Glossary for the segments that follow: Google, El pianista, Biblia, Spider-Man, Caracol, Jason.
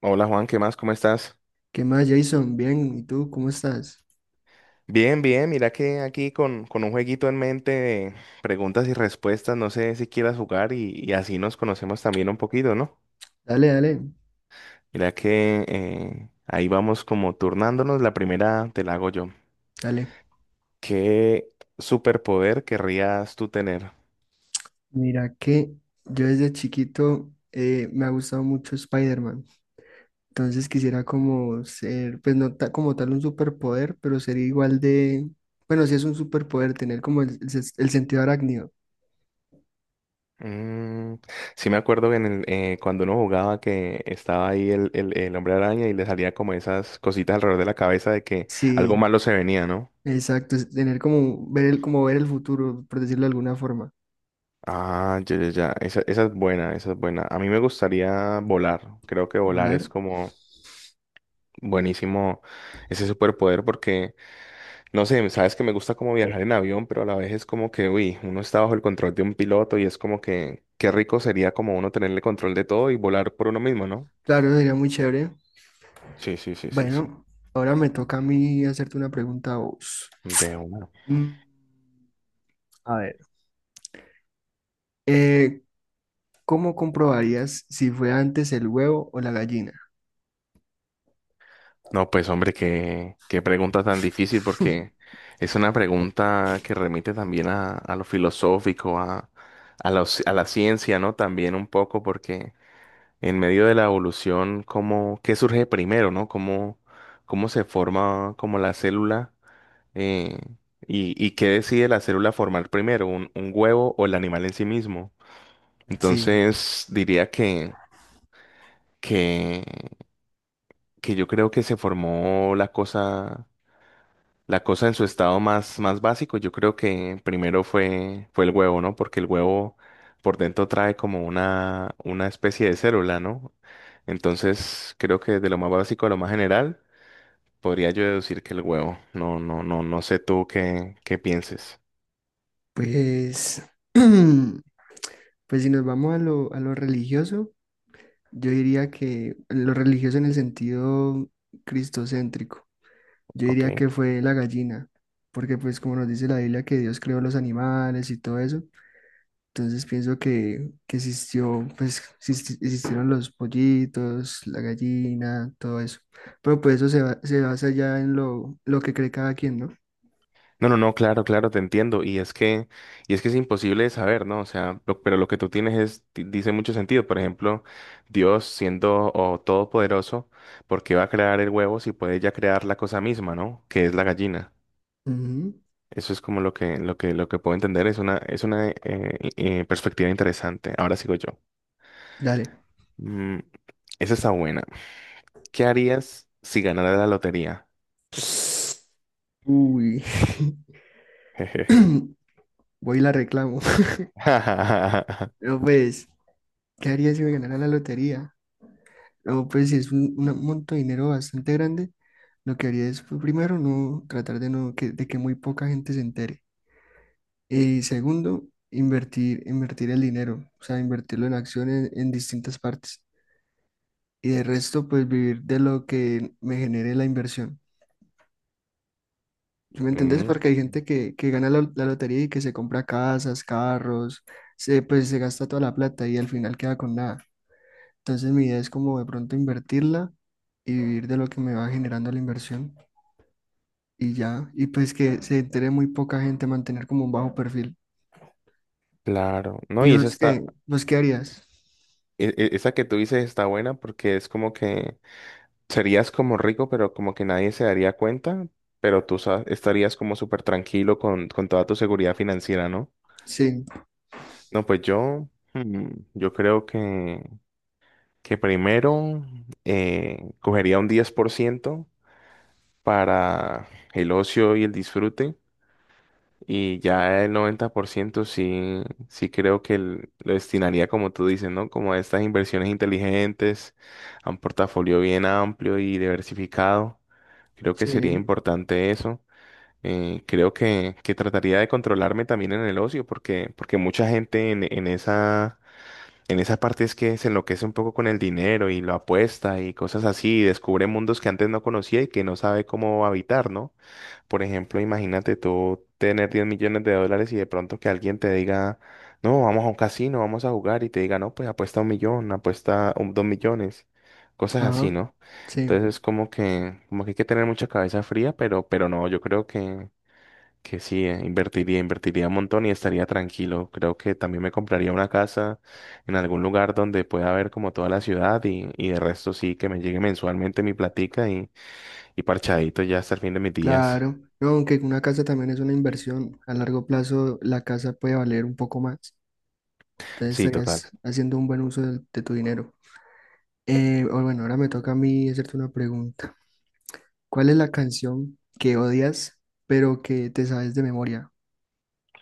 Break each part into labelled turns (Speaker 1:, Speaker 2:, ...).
Speaker 1: Hola Juan, ¿qué más? ¿Cómo estás?
Speaker 2: ¿Qué más, Jason? Bien, ¿y tú cómo estás?
Speaker 1: Bien, bien, mira que aquí con un jueguito en mente de preguntas y respuestas, no sé si quieras jugar y así nos conocemos también un poquito, ¿no?
Speaker 2: Dale, dale,
Speaker 1: Mira que ahí vamos como turnándonos, la primera te la hago yo.
Speaker 2: dale.
Speaker 1: ¿Qué superpoder querrías tú tener?
Speaker 2: Mira que yo desde chiquito me ha gustado mucho Spider-Man. Entonces quisiera como ser, pues no ta- como tal un superpoder, pero ser igual de, bueno, si es un superpoder, tener como el sentido arácnido.
Speaker 1: Mm, sí me acuerdo que cuando uno jugaba que estaba ahí el hombre araña y le salía como esas cositas alrededor de la cabeza de que algo
Speaker 2: Sí,
Speaker 1: malo se venía, ¿no?
Speaker 2: exacto, es tener como ver como ver el futuro, por decirlo de alguna forma.
Speaker 1: Ah, ya, ya, ya. Esa es buena, esa es buena. A mí me gustaría volar. Creo que volar
Speaker 2: Volar,
Speaker 1: es como buenísimo ese superpoder porque, no sé, sabes que me gusta como viajar en avión, pero a la vez es como que, uy, uno está bajo el control de un piloto y es como que, qué rico sería como uno tenerle control de todo y volar por uno mismo, ¿no?
Speaker 2: claro, sería muy chévere.
Speaker 1: Sí, sí, sí, sí, sí.
Speaker 2: Bueno, ahora me toca a mí hacerte una pregunta a vos.
Speaker 1: De una.
Speaker 2: Mm, Eh, ¿Cómo comprobarías si fue antes el huevo o la gallina?
Speaker 1: No, pues hombre, qué pregunta tan difícil porque es una pregunta que remite también a lo filosófico, a la ciencia, ¿no? También un poco porque en medio de la evolución, ¿qué surge primero, no? ¿Cómo se forma como la célula eh, y qué decide la célula formar primero, un huevo o el animal en sí mismo?
Speaker 2: Sí,
Speaker 1: Entonces diría que, que, que yo creo que se formó la cosa. La cosa en su estado más básico, yo creo que primero fue el huevo, ¿no? Porque el huevo por dentro trae como una especie de célula, ¿no? Entonces, creo que de lo más básico a lo más general, podría yo deducir que el huevo. No, no, no, no sé tú qué pienses.
Speaker 2: pues, pues si nos vamos a a lo religioso, yo diría que lo religioso en el sentido cristocéntrico, yo
Speaker 1: Ok.
Speaker 2: diría que fue la gallina, porque pues como nos dice la Biblia que Dios creó los animales y todo eso, entonces pienso que existió, pues existieron los pollitos, la gallina, todo eso, pero pues eso se basa ya en lo que cree cada quien, ¿no?
Speaker 1: No, no, no, claro, claro, te entiendo. Y es que es imposible de saber, ¿no? O sea, pero lo que tú tienes es, dice mucho sentido. Por ejemplo, Dios siendo o todopoderoso, ¿por qué va a crear el huevo si puede ya crear la cosa misma, no? Que es la gallina.
Speaker 2: Ujú.
Speaker 1: Eso es como lo que puedo entender. Es una perspectiva interesante. Ahora sigo yo.
Speaker 2: Dale.
Speaker 1: Mm, Esa está buena. ¿Qué harías si ganara la lotería?
Speaker 2: Uy.
Speaker 1: Jeje.
Speaker 2: Voy y la reclamo. No, pues, ¿qué haría si me ganara la lotería? No, pues, si es un monto de dinero bastante grande, lo que haría es, pues, primero, no tratar de, no, de que muy poca gente se entere. Y segundo, invertir el dinero, o sea, invertirlo en acciones en distintas partes. Y de resto, pues, vivir de lo que me genere la inversión. ¿Sí me entendés?
Speaker 1: Mm,
Speaker 2: Porque hay gente que gana la lotería y que se compra casas, carros, se, pues se gasta toda la plata y al final queda con nada. Entonces mi idea es como de pronto invertirla y vivir de lo que me va generando la inversión y ya. Y pues que se entere muy poca gente, mantener como un bajo perfil.
Speaker 1: claro. No,
Speaker 2: ¿Y
Speaker 1: y esa
Speaker 2: vos qué?
Speaker 1: está.
Speaker 2: ¿Vos qué harías?
Speaker 1: Esa que tú dices está buena porque es como que serías como rico, pero como que nadie se daría cuenta, pero estarías como súper tranquilo con toda tu seguridad financiera, ¿no?
Speaker 2: Sí,
Speaker 1: No, pues hmm, yo creo que primero cogería un 10% para el ocio y el disfrute. Y ya el 90% sí, sí creo que lo destinaría, como tú dices, ¿no? Como a estas inversiones inteligentes, a un portafolio bien amplio y diversificado. Creo que sería
Speaker 2: sí,
Speaker 1: importante eso. Creo que trataría de controlarme también en el ocio, porque mucha gente en esa parte es que se enloquece un poco con el dinero y lo apuesta y cosas así, y descubre mundos que antes no conocía y que no sabe cómo habitar, ¿no? Por ejemplo, imagínate tú tener 10 millones de dólares y de pronto que alguien te diga, no, vamos a un casino, vamos a jugar y te diga, no, pues apuesta 1 millón, apuesta 2 millones, cosas así,
Speaker 2: ajá,
Speaker 1: ¿no?
Speaker 2: sí,
Speaker 1: Entonces como que hay que tener mucha cabeza fría, pero no, yo creo que sí, invertiría un montón y estaría tranquilo. Creo que también me compraría una casa en algún lugar donde pueda ver como toda la ciudad y de resto sí, que me llegue mensualmente mi platica y parchadito ya hasta el fin de mis días.
Speaker 2: claro. No, aunque una casa también es una inversión, a largo plazo la casa puede valer un poco más. Entonces
Speaker 1: Sí, total.
Speaker 2: estarías haciendo un buen uso tu dinero. O bueno, ahora me toca a mí hacerte una pregunta. ¿Cuál es la canción que odias, pero que te sabes de memoria?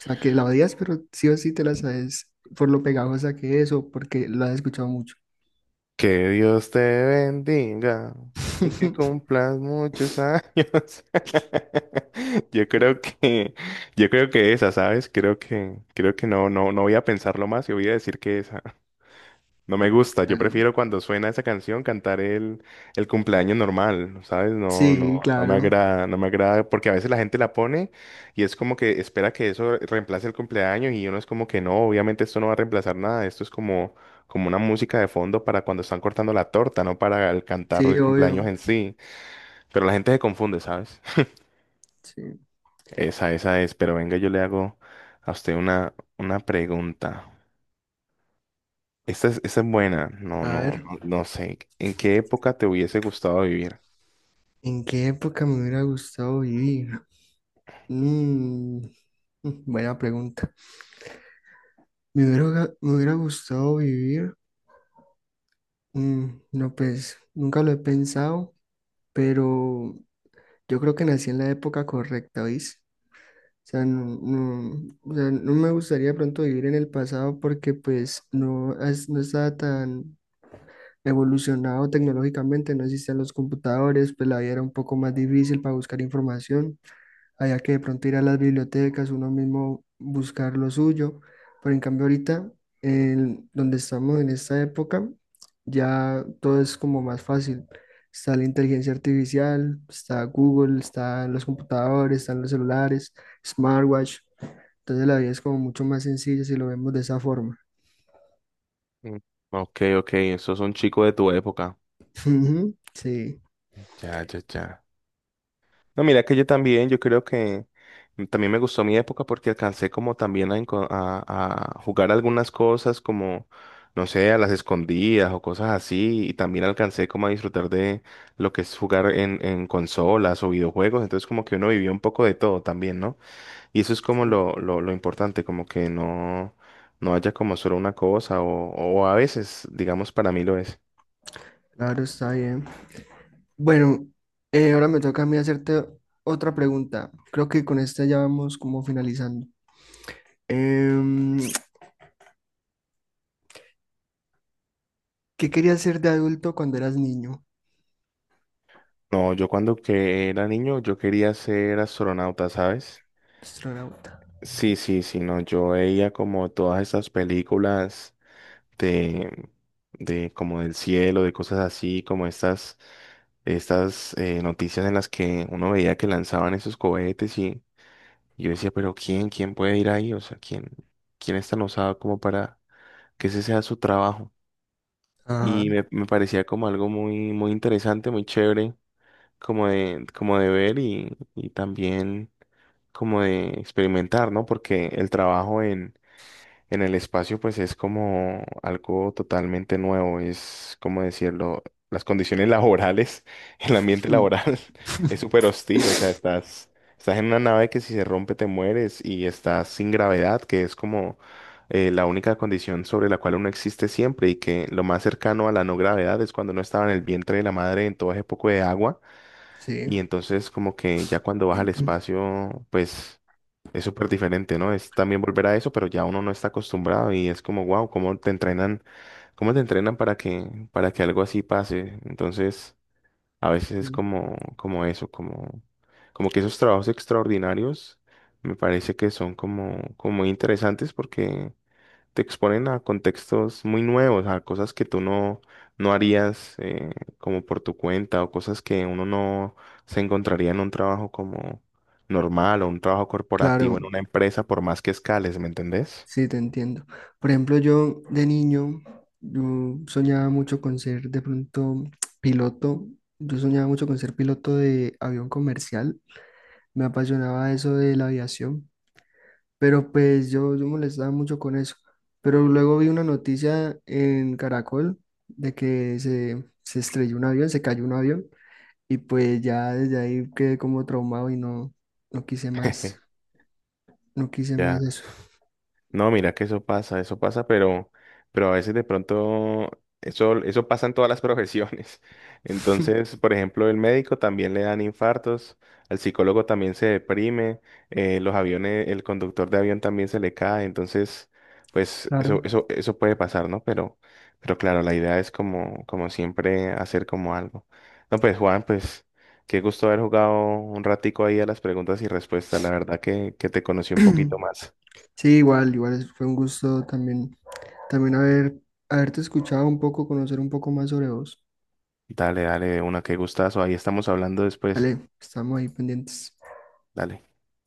Speaker 2: O sea, que la odias, pero sí o sí te la sabes por lo pegajosa que es o porque la has escuchado mucho.
Speaker 1: Que Dios te bendiga y que cumplas muchos años. Yo creo que, yo creo que esa, ¿sabes? Creo que no, no, no voy a pensarlo más y voy a decir que esa. No me gusta, yo
Speaker 2: Ah.
Speaker 1: prefiero cuando suena esa canción cantar el cumpleaños normal, ¿sabes? No, no,
Speaker 2: Sí,
Speaker 1: no me
Speaker 2: claro.
Speaker 1: agrada, no me agrada, porque a veces la gente la pone y es como que espera que eso reemplace el cumpleaños y uno es como que no, obviamente esto no va a reemplazar nada, esto es como una música de fondo para cuando están cortando la torta, no para el cantar
Speaker 2: Sí,
Speaker 1: el cumpleaños
Speaker 2: obvio.
Speaker 1: en sí, pero la gente se confunde, ¿sabes?
Speaker 2: Sí.
Speaker 1: Esa es, pero venga, yo le hago a usted una pregunta. Esta es buena. No,
Speaker 2: A
Speaker 1: no,
Speaker 2: ver,
Speaker 1: no, no sé. ¿En qué época te hubiese gustado vivir?
Speaker 2: ¿en qué época me hubiera gustado vivir? Mm, buena pregunta. Me hubiera gustado vivir. Mm, no, pues nunca lo he pensado, pero yo creo que nací en la época correcta, ¿oís? O sea, o sea, no me gustaría de pronto vivir en el pasado porque pues no, no estaba tan evolucionado tecnológicamente, no existían los computadores, pues la vida era un poco más difícil para buscar información. Había que de pronto ir a las bibliotecas, uno mismo buscar lo suyo. Pero en cambio ahorita, en donde estamos en esta época, ya todo es como más fácil. Está la inteligencia artificial, está Google, están los computadores, están los celulares, smartwatch. Entonces la vida es como mucho más sencilla si lo vemos de esa forma.
Speaker 1: Mm, Ok, ok, sos un chico de tu época.
Speaker 2: Ujú. Sí.
Speaker 1: Ya, ya, ya. No, mira que yo también, yo creo que también me gustó mi época porque alcancé como también a jugar algunas cosas como, no sé, a las escondidas o cosas así. Y también alcancé como a disfrutar de lo que es jugar en consolas o videojuegos. Entonces como que uno vivió un poco de todo también, ¿no? Y eso es como
Speaker 2: Sí,
Speaker 1: lo importante, como que no, no haya como solo una cosa, o a veces, digamos, para mí lo es.
Speaker 2: claro, está bien. Bueno, ahora me toca a mí hacerte otra pregunta. Creo que con esta ya vamos como finalizando. Em, ¿Qué querías ser de adulto cuando eras niño?
Speaker 1: No, yo cuando que era niño, yo quería ser astronauta, ¿sabes?
Speaker 2: Astronauta. Ok.
Speaker 1: Sí, sí, sí, no, yo veía como todas estas películas de, de como del cielo, de cosas así, como estas noticias en las que uno veía que lanzaban esos cohetes y yo decía, pero ¿quién puede ir ahí? O sea, ¿quién es tan osado como para que ese sea su trabajo.
Speaker 2: Ah,
Speaker 1: Y me parecía como algo muy, muy interesante, muy chévere, como de ver y también como de experimentar, ¿no? Porque el trabajo en el espacio, pues es como algo totalmente nuevo, es como decirlo, las condiciones laborales, el ambiente
Speaker 2: mm,
Speaker 1: laboral es súper hostil, o sea, estás en una nave que si se rompe te mueres y estás sin gravedad, que es como la única condición sobre la cual uno existe siempre y que lo más cercano a la no gravedad es cuando uno estaba en el vientre de la madre en todo ese poco de agua
Speaker 2: sí.
Speaker 1: y entonces como que ya cuando vas al espacio, pues es súper diferente, ¿no? Es también volver a eso, pero ya uno no está acostumbrado y es como, wow, ¿cómo te entrenan? ¿Cómo te entrenan para que algo así pase? Entonces, a veces es como, como eso, como que esos trabajos extraordinarios me parece que son como muy interesantes porque te exponen a contextos muy nuevos, a cosas que tú no harías como por tu cuenta o cosas que uno no se encontraría en un trabajo como normal o un trabajo corporativo en
Speaker 2: Claro,
Speaker 1: una empresa por más que escales, ¿me entendés?
Speaker 2: sí, te entiendo. Por ejemplo, yo de niño, yo soñaba mucho con ser de pronto piloto. Yo soñaba mucho con ser piloto de avión comercial. Me apasionaba eso de la aviación. Pero pues yo molestaba mucho con eso. Pero luego vi una noticia en Caracol de que se estrelló un avión, se cayó un avión. Y pues ya desde ahí quedé como traumado y no quise más, no quise más
Speaker 1: Ya.
Speaker 2: eso.
Speaker 1: No, mira que eso pasa, pero a veces de pronto eso pasa en todas las profesiones. Entonces, por ejemplo, el médico también le dan infartos, al psicólogo también se deprime, los aviones, el conductor de avión también se le cae. Entonces, pues
Speaker 2: Claro.
Speaker 1: eso puede pasar, ¿no? Pero claro, la idea es como, como siempre hacer como algo. No, pues Juan, pues qué gusto haber jugado un ratico ahí a las preguntas y respuestas. La verdad que te conocí un poquito más.
Speaker 2: Sí, igual, fue un gusto también, también haber, haberte escuchado un poco, conocer un poco más sobre vos.
Speaker 1: Dale, dale, de una que gustazo. Ahí estamos hablando después.
Speaker 2: Vale, estamos ahí pendientes.
Speaker 1: Dale.